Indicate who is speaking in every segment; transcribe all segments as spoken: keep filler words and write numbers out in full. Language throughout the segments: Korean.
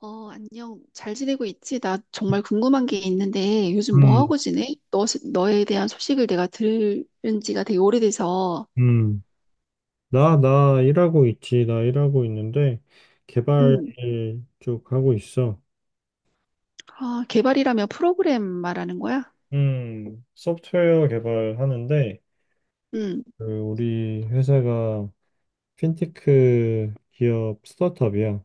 Speaker 1: 어, 안녕. 잘 지내고 있지? 나 정말 궁금한 게 있는데, 요즘 뭐
Speaker 2: 음,
Speaker 1: 하고 지내? 너, 너에 대한 소식을 내가 들은 지가 되게 오래돼서.
Speaker 2: 음. 나, 나 일하고 있지. 나 일하고 있는데, 개발
Speaker 1: 음,
Speaker 2: 쪽 하고 있어.
Speaker 1: 아, 개발이라면 프로그램 말하는 거야?
Speaker 2: 음, 소프트웨어 개발하는데,
Speaker 1: 음,
Speaker 2: 그 우리 회사가 핀테크 기업 스타트업이야.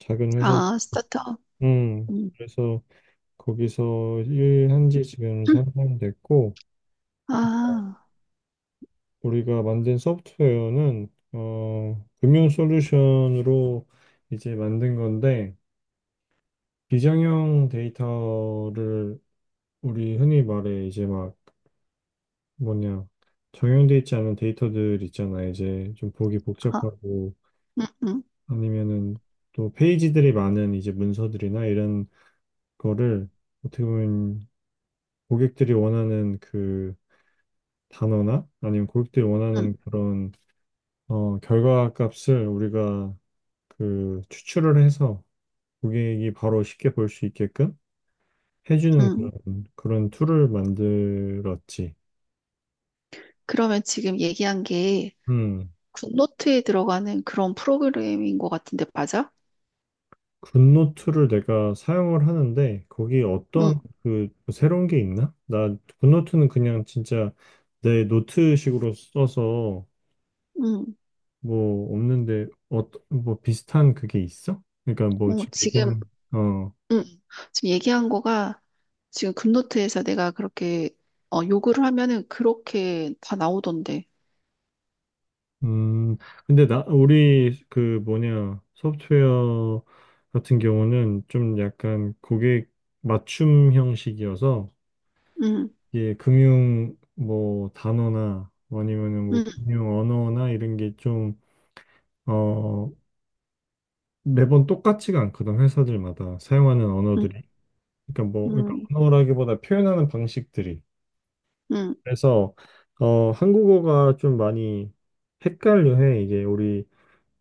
Speaker 2: 작은 회사.
Speaker 1: 아, 스타트업.
Speaker 2: 음,
Speaker 1: 음,
Speaker 2: 그래서 거기서 일한 지 지금
Speaker 1: 음,
Speaker 2: 삼 년 됐고,
Speaker 1: 아,
Speaker 2: 우리가 만든 소프트웨어는, 어, 금융 솔루션으로 이제 만든 건데, 비정형 데이터를 우리 흔히 말해 이제 막 뭐냐 정형돼 있지 않은 데이터들 있잖아 이제 좀 보기
Speaker 1: 아,
Speaker 2: 복잡하고
Speaker 1: 음, 음,
Speaker 2: 아니면은 또 페이지들이 많은 이제 문서들이나 이런 거를 어떻게 보면 고객들이 원하는 그 단어나 아니면 고객들이
Speaker 1: 음,
Speaker 2: 원하는 그런 어 결과 값을 우리가 그 추출을 해서 고객이 바로 쉽게 볼 수 있게끔 해주는
Speaker 1: 음.
Speaker 2: 그런 그런 툴을 만들었지.
Speaker 1: 그러면 지금 얘기한 게
Speaker 2: 음,
Speaker 1: 굿노트에 들어가는 그런 프로그램인 것 같은데, 맞아?
Speaker 2: 굿노트를 내가 사용을 하는데 거기
Speaker 1: 응,
Speaker 2: 어떤 그뭐 새로운 게 있나? 나 굿노트는 그냥 진짜 내 노트식으로 써서
Speaker 1: 응.
Speaker 2: 뭐 없는데 어, 뭐 비슷한 그게 있어? 그러니까 뭐
Speaker 1: 어,
Speaker 2: 지금 얘기
Speaker 1: 지금
Speaker 2: 는 어,
Speaker 1: 응. 지금 얘기한 거가 지금 급노트에서 내가 그렇게 어, 요구를 하면은 그렇게 다 나오던데.
Speaker 2: 음, 근데 나 우리 그 뭐냐 소프트웨어 같은 경우는 좀 약간 고객 맞춤 형식이어서
Speaker 1: 응,
Speaker 2: 이게 금융 뭐 단어나 아니면은 뭐
Speaker 1: 응,
Speaker 2: 금융 언어나 이런 게 좀, 어, 매번 똑같지가 않거든, 회사들마다 사용하는
Speaker 1: 응,
Speaker 2: 언어들이. 그러니까 뭐, 그러니까
Speaker 1: 응,
Speaker 2: 언어라기보다 표현하는 방식들이.
Speaker 1: 응,
Speaker 2: 그래서, 어, 한국어가 좀 많이 헷갈려해. 이게 우리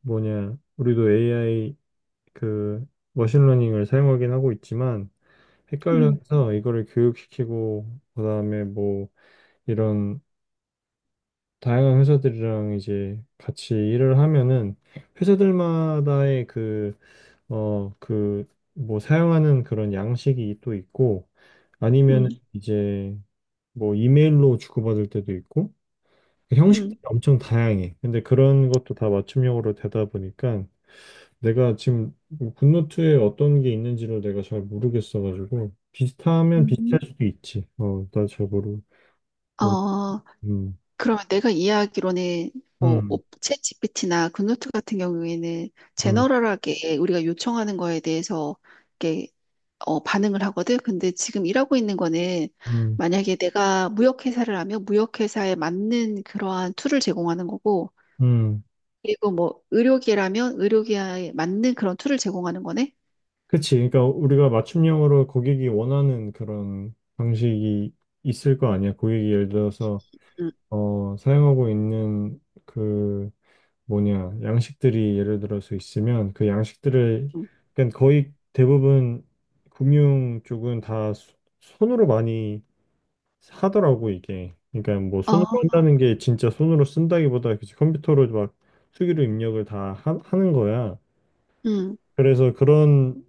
Speaker 2: 뭐냐, 우리도 에이아이 그 머신러닝을 사용하긴 하고 있지만
Speaker 1: 응,
Speaker 2: 헷갈려서 이거를 교육시키고 그다음에 뭐 이런 다양한 회사들이랑 이제 같이 일을 하면은 회사들마다의 그, 어, 그, 뭐 사용하는 그런 양식이 또 있고
Speaker 1: 응,
Speaker 2: 아니면 이제 뭐 이메일로 주고받을 때도 있고 그
Speaker 1: 응.
Speaker 2: 형식들이 엄청 다양해. 근데 그런 것도 다 맞춤형으로 되다 보니까 내가 지금 굿노트에 어떤 게 있는지를 내가 잘 모르겠어가지고 비슷하면
Speaker 1: 음.
Speaker 2: 비슷할 수도 있지. 어, 나 잘 모르고. 음,
Speaker 1: 어,
Speaker 2: 음,
Speaker 1: 그러면 내가 이해하기로는 뭐 챗지피티나 굿노트 같은 경우에는
Speaker 2: 음,
Speaker 1: 제너럴하게 우리가 요청하는 거에 대해서 이렇게 어, 반응을 하거든. 근데 지금 일하고 있는 거는
Speaker 2: 음,
Speaker 1: 만약에 내가 무역회사를 하면 무역회사에 맞는 그러한 툴을 제공하는 거고
Speaker 2: 음.
Speaker 1: 그리고 뭐 의료계라면 의료계에 맞는 그런 툴을 제공하는 거네.
Speaker 2: 그치. 그러니까 우리가 맞춤형으로 고객이 원하는 그런 방식이 있을 거 아니야. 고객이 예를 들어서
Speaker 1: 음,
Speaker 2: 어, 사용하고 있는 그 뭐냐 양식들이 예를 들어서 있으면 그 양식들을
Speaker 1: 음.
Speaker 2: 그러니까 거의 대부분 금융 쪽은 다 소- 손으로 많이 하더라고 이게. 그러니까 뭐 손으로
Speaker 1: 아,
Speaker 2: 한다는 게 진짜 손으로 쓴다기보다 그치, 컴퓨터로 막 수기로 입력을 다 하, 하는 거야.
Speaker 1: 음.
Speaker 2: 그래서 그런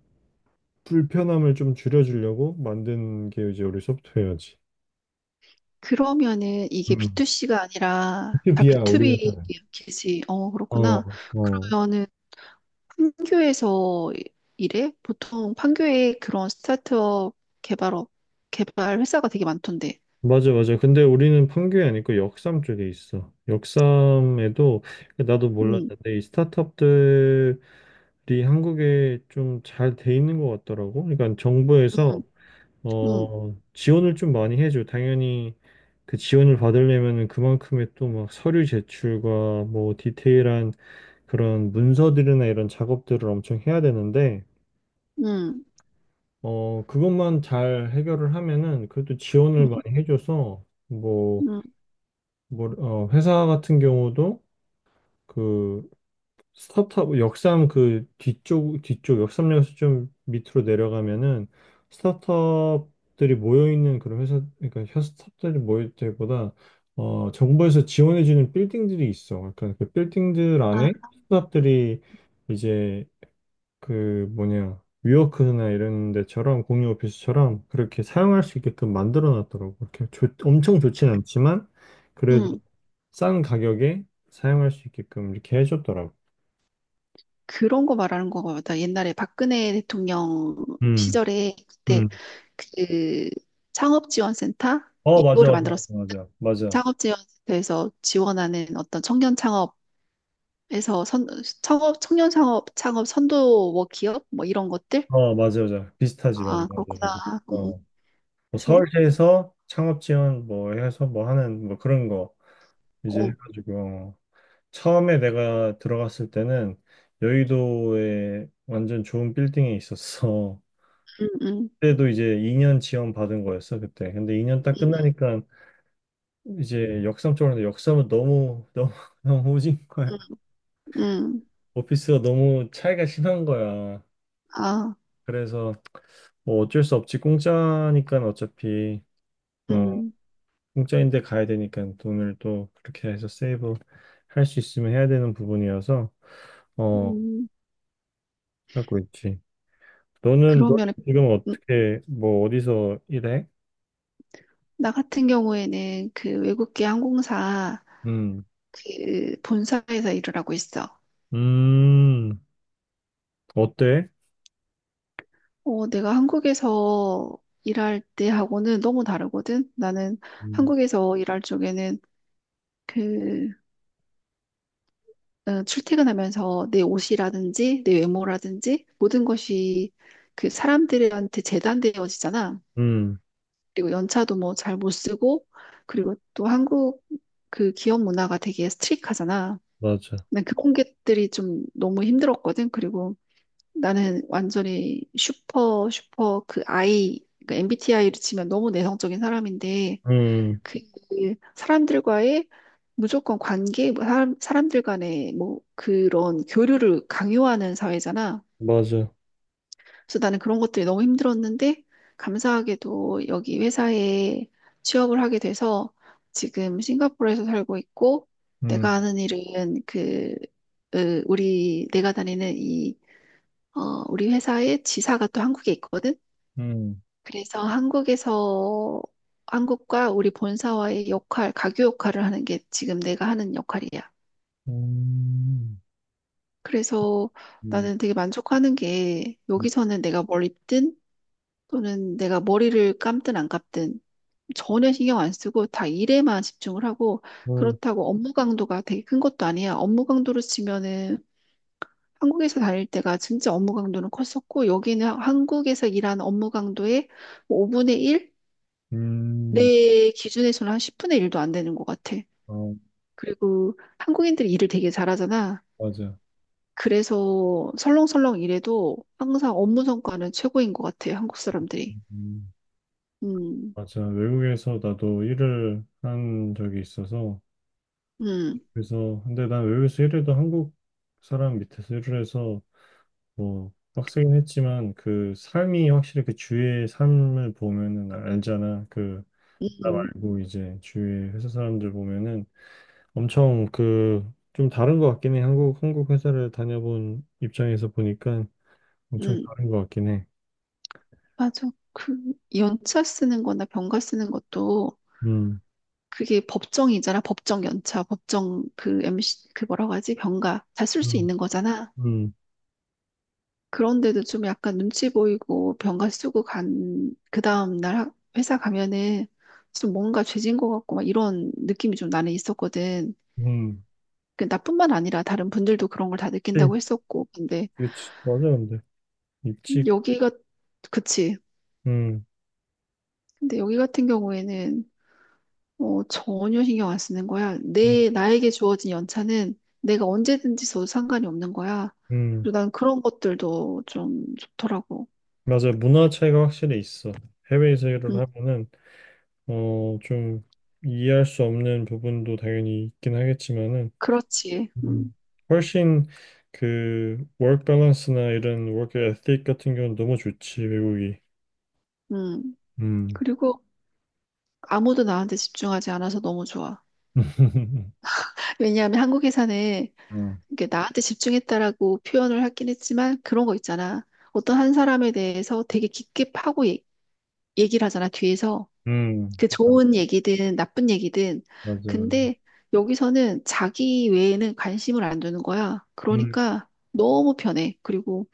Speaker 2: 불편함을 좀 줄여주려고 만든 게 이제 우리 소프트웨어지.
Speaker 1: 그러면은 이게
Speaker 2: 음,
Speaker 1: 비투씨가 아니라
Speaker 2: b
Speaker 1: 다
Speaker 2: 투야 우리 회사는.
Speaker 1: 비투비겠지. 어,
Speaker 2: 어,
Speaker 1: 그렇구나.
Speaker 2: 어.
Speaker 1: 그러면은 판교에서 일해? 보통 판교에 그런 스타트업 개발업 개발 회사가 되게 많던데.
Speaker 2: 맞아, 맞아. 근데 우리는 판교에 아니고 역삼 쪽에 있어. 역삼에도 나도
Speaker 1: 음,
Speaker 2: 몰랐는데 이 스타트업들이 한국에 좀 잘 돼 있는 것 같더라고. 그러니까
Speaker 1: 음,
Speaker 2: 정부에서
Speaker 1: 음,
Speaker 2: 어, 지원을 좀 많이 해줘. 당연히 그 지원을 받으려면은 그만큼의 또 막 서류 제출과 뭐 디테일한 그런 문서들이나 이런 작업들을 엄청 해야 되는데,
Speaker 1: 음,
Speaker 2: 어, 그것만 잘 해결을 하면은 그래도 지원을
Speaker 1: 음,
Speaker 2: 많이 해줘서, 뭐,
Speaker 1: 음.
Speaker 2: 뭐, 어, 회사 같은 경우도 그 스타트업, 역삼 그 뒤쪽, 뒤쪽, 역삼역에서 좀 밑으로 내려가면은 스타트업들이 모여있는 그런 회사, 그러니까 현- 스타트업들이 모일 때보다 어, 정부에서 지원해주는 빌딩들이 있어. 그러니까 그 빌딩들
Speaker 1: 아,
Speaker 2: 안에 스타트업들이 이제 그 뭐냐 위워크나 이런 데처럼 공유 오피스처럼 그렇게 사용할 수 있게끔 만들어 놨더라고. 이렇게 좋- 엄청 좋진 않지만 그래도
Speaker 1: 음.
Speaker 2: 싼 가격에 사용할 수 있게끔 이렇게 해줬더라고.
Speaker 1: 그런 거 말하는 거같다. 옛날에 박근혜 대통령
Speaker 2: 음,
Speaker 1: 시절에 그때
Speaker 2: 음.
Speaker 1: 그 창업지원센터
Speaker 2: 어, 맞아,
Speaker 1: 이거를
Speaker 2: 맞아,
Speaker 1: 만들었습니다.
Speaker 2: 맞아, 맞아. 맞아.
Speaker 1: 창업지원센터에서 지원하는 어떤 청년 창업에서 선, 창업, 청년 창업, 창업 선도 뭐 기업 뭐 이런 것들?
Speaker 2: 어, 맞아, 맞아. 비슷하지, 맞아,
Speaker 1: 아,
Speaker 2: 맞아,
Speaker 1: 그렇구나.
Speaker 2: 맞아.
Speaker 1: 음,
Speaker 2: 어, 뭐
Speaker 1: 그래서,
Speaker 2: 서울시에서 창업 지원 뭐 해서 뭐 하는 뭐 그런 거 이제
Speaker 1: 어,
Speaker 2: 해가지고 어. 처음에 내가 들어갔을 때는 여의도에 완전 좋은 빌딩에 있었어.
Speaker 1: 음, 음,
Speaker 2: 그때도 이제 이 년 지원 받은 거였어 그때. 근데 이 년 딱
Speaker 1: 음,
Speaker 2: 끝나니까 이제 역삼 쪽으로 했는데 역삼은 너무 너무 너무 오진 거야.
Speaker 1: 음, 음, 음.
Speaker 2: 오피스가 너무 차이가 심한 거야.
Speaker 1: 아,
Speaker 2: 그래서 뭐 어쩔 수 없지 공짜니까 어차피 어
Speaker 1: 음,
Speaker 2: 공짜인데 가야 되니까 돈을 또 그렇게 해서 세이브 할 수 있으면 해야 되는 부분이어서 어
Speaker 1: 음.
Speaker 2: 하고 있지. 너는 너는
Speaker 1: 그러면
Speaker 2: 지금 어떻게 뭐 어디서 일해?
Speaker 1: 나 같은 경우에는 그 외국계 항공사
Speaker 2: 음.
Speaker 1: 그 본사에서 일을 하고 있어.
Speaker 2: 음 어때?
Speaker 1: 어, 내가 한국에서 일할 때하고는 너무 다르거든. 나는
Speaker 2: 음,
Speaker 1: 한국에서 일할 쪽에는 그 어, 출퇴근하면서 내 옷이라든지 내 외모라든지 모든 것이 그 사람들한테 재단되어지잖아.
Speaker 2: 음,
Speaker 1: 그리고 연차도 뭐 잘 못 쓰고 그리고 또 한국 그 기업 문화가 되게 스트릭하잖아.
Speaker 2: 맞아.
Speaker 1: 난 그런 것들이 좀 너무 힘들었거든. 그리고 나는 완전히 슈퍼, 슈퍼 그 아이, 그 엠비티아이를 치면 너무 내성적인 사람인데,
Speaker 2: 음,
Speaker 1: 그 사람들과의 무조건 관계, 뭐 사람, 사람들 간의 뭐 그런 교류를 강요하는 사회잖아.
Speaker 2: 맞아.
Speaker 1: 그래서 나는 그런 것들이 너무 힘들었는데, 감사하게도 여기 회사에 취업을 하게 돼서 지금 싱가포르에서 살고 있고,
Speaker 2: 음,
Speaker 1: 내가 하는 일은 그, 으, 우리, 내가 다니는 이 어, 우리 회사의 지사가 또 한국에 있거든.
Speaker 2: 음,
Speaker 1: 그래서 한국에서 한국과 우리 본사와의 역할, 가교 역할을 하는 게 지금 내가 하는 역할이야.
Speaker 2: 음,
Speaker 1: 그래서
Speaker 2: 음,
Speaker 1: 나는 되게 만족하는 게 여기서는 내가 뭘 입든 또는 내가 머리를 감든 안 감든 전혀 신경 안 쓰고 다 일에만 집중을 하고
Speaker 2: 그렇구나.
Speaker 1: 그렇다고 업무 강도가 되게 큰 것도 아니야. 업무 강도로 치면은 한국에서 다닐 때가 진짜 업무 강도는 컸었고, 여기는 하- 한국에서 일하는 업무 강도의 뭐 오 분의 일?
Speaker 2: 음,
Speaker 1: 내 기준에서는 한 십 분의 일도 안 되는 것 같아.
Speaker 2: 어,
Speaker 1: 그리고 한국인들이 일을 되게 잘하잖아.
Speaker 2: 맞아.
Speaker 1: 그래서 설렁설렁 일해도 항상 업무 성과는 최고인 것 같아, 한국 사람들이.
Speaker 2: 음,
Speaker 1: 음,
Speaker 2: 맞아. 외국에서 나도 일을 한 적이 있어서,
Speaker 1: 음,
Speaker 2: 그래서, 근데 난 외국에서 일해도 한국 사람 밑에서 일을 해서, 뭐, 빡세긴 했지만, 그 삶이 확실히 그 주위의 삶을 보면은 알잖아. 그,
Speaker 1: 음,
Speaker 2: 나
Speaker 1: 음.
Speaker 2: 말고 이제 주위 회사 사람들 보면은, 엄청 그 좀 다른 것 같긴 해. 한국 한국 회사를 다녀본 입장에서 보니까 엄청
Speaker 1: 음.
Speaker 2: 다른 것 같긴 해.
Speaker 1: 맞아. 그, 연차 쓰는 거나 병가 쓰는 것도
Speaker 2: 음,
Speaker 1: 그게 법정이잖아. 법정 연차, 법정 그 엠씨, 그 뭐라고 하지? 병가. 다 쓸 수
Speaker 2: 음,
Speaker 1: 있는 거잖아.
Speaker 2: 음,
Speaker 1: 그런데도 좀 약간 눈치 보이고 병가 쓰고 간, 그 다음날 학- 회사 가면은 좀 뭔가 죄진 것 같고 막 이런 느낌이 좀 나는 있었거든.
Speaker 2: 음.
Speaker 1: 그 나뿐만 아니라 다른 분들도 그런 걸 다
Speaker 2: 그치,
Speaker 1: 느낀다고 했었고. 근데
Speaker 2: 그치. 맞아, 근데 입직,
Speaker 1: 여기가, 그치.
Speaker 2: 음,
Speaker 1: 근데 여기 같은 경우에는 어, 전혀 신경 안 쓰는 거야.
Speaker 2: 음,
Speaker 1: 내, 나에게 주어진 연차는 내가 언제든지 써도 상관이 없는 거야.
Speaker 2: 음.
Speaker 1: 그리고 난 그런 것들도 좀 좋더라고.
Speaker 2: 맞아. 문화 차이가 확실히 있어. 해외에서 일을
Speaker 1: 음,
Speaker 2: 하면은 어 좀 이해할 수 없는 부분도 당연히 있긴 하겠지만은
Speaker 1: 그렇지. 음,
Speaker 2: 음, 훨씬 그 워크 밸런스나 이런 워크 에틱 같은 경우는 너무 좋지, 외국이.
Speaker 1: 음.
Speaker 2: 음.
Speaker 1: 그리고 아무도 나한테 집중하지 않아서 너무 좋아. 왜냐하면 한국에서는
Speaker 2: 음,
Speaker 1: 이게 나한테 집중했다라고 표현을 하긴 했지만 그런 거 있잖아. 어떤 한 사람에 대해서 되게 깊게 파고 얘- 얘기를 하잖아, 뒤에서.
Speaker 2: 음,
Speaker 1: 그 좋은 얘기든 나쁜 얘기든.
Speaker 2: 맞아, 맞아.
Speaker 1: 근데 여기서는 자기 외에는 관심을 안 두는 거야.
Speaker 2: 음,
Speaker 1: 그러니까 너무 편해. 그리고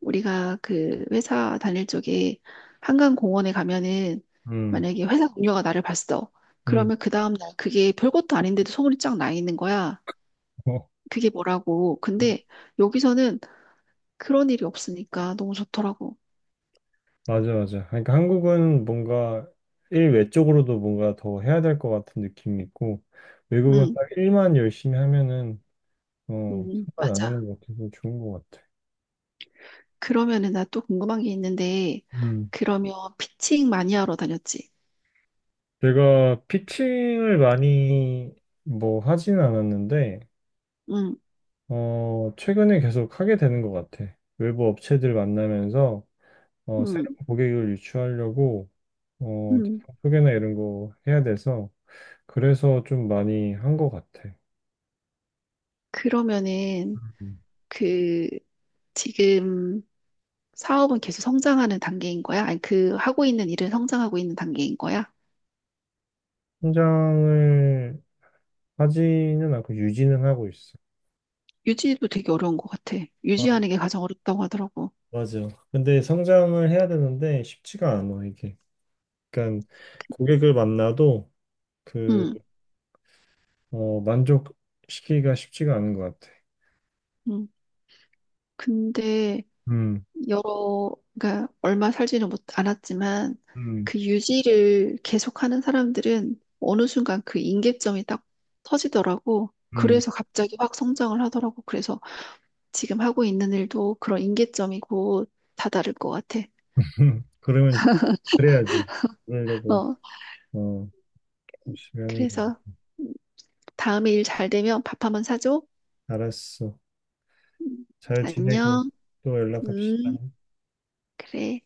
Speaker 1: 우리가 그 회사 다닐 쪽에 한강공원에 가면은
Speaker 2: 음,
Speaker 1: 만약에 회사 동료가 나를 봤어.
Speaker 2: 음.
Speaker 1: 그러면 그 다음날 그게 별것도 아닌데도 소문이 쫙 나 있는 거야.
Speaker 2: 어,
Speaker 1: 그게 뭐라고. 근데 여기서는 그런 일이 없으니까 너무 좋더라고.
Speaker 2: 맞아, 맞아. 그러니까 한국은 뭔가 일외 쪽으로도 뭔가 더 해야 될 것 같은 느낌이 있고, 외국은
Speaker 1: 응,
Speaker 2: 딱 일만 열심히 하면은, 어,
Speaker 1: 응,
Speaker 2: 상관 안
Speaker 1: 맞아.
Speaker 2: 하는 것 같아서 좋은 것 같아.
Speaker 1: 그러면은 나 또 궁금한 게 있는데,
Speaker 2: 음,
Speaker 1: 그러면 피칭 많이 하러 다녔지.
Speaker 2: 제가 피칭을 많이 뭐 하진 않았는데,
Speaker 1: 응,
Speaker 2: 어, 최근에 계속 하게 되는 것 같아. 외부 업체들 만나면서 어,
Speaker 1: 응,
Speaker 2: 새로운 고객을 유치하려고 어,
Speaker 1: 응.
Speaker 2: 제품 소개나 이런 거 해야 돼서 그래서 좀 많이 한 것 같아.
Speaker 1: 그러면은
Speaker 2: 음.
Speaker 1: 그 지금 사업은 계속 성장하는 단계인 거야? 아니, 그 하고 있는 일은 성장하고 있는 단계인 거야?
Speaker 2: 성장을 하지는 않고 유지는 하고 있어.
Speaker 1: 유지도 되게 어려운 것 같아.
Speaker 2: 아,
Speaker 1: 유지하는 게 가장 어렵다고 하더라고.
Speaker 2: 맞아. 근데 성장을 해야 되는데 쉽지가 않아, 이게. 그러니까 고객을 만나도 그,
Speaker 1: 응,
Speaker 2: 어, 만족시키기가 쉽지가 않은 것 같아.
Speaker 1: 응. 근데
Speaker 2: 음,
Speaker 1: 여러, 그러니까 얼마 살지는 못 않았지만
Speaker 2: 음,
Speaker 1: 그 유지를 계속하는 사람들은 어느 순간 그 임계점이 딱 터지더라고.
Speaker 2: 음.
Speaker 1: 그래서 갑자기 확 성장을 하더라고. 그래서 지금 하고 있는 일도 그런 임계점이고 다다를 것 같아.
Speaker 2: 그러면 그래야지. 그러려고,
Speaker 1: 어,
Speaker 2: 어, 열심히 하는 거야.
Speaker 1: 그래서 다음에 일 잘 되면 밥 한번 사줘.
Speaker 2: 알았어.
Speaker 1: 음,
Speaker 2: 잘 지내고
Speaker 1: 안녕.
Speaker 2: 또 연락합시다.
Speaker 1: 음, 그래.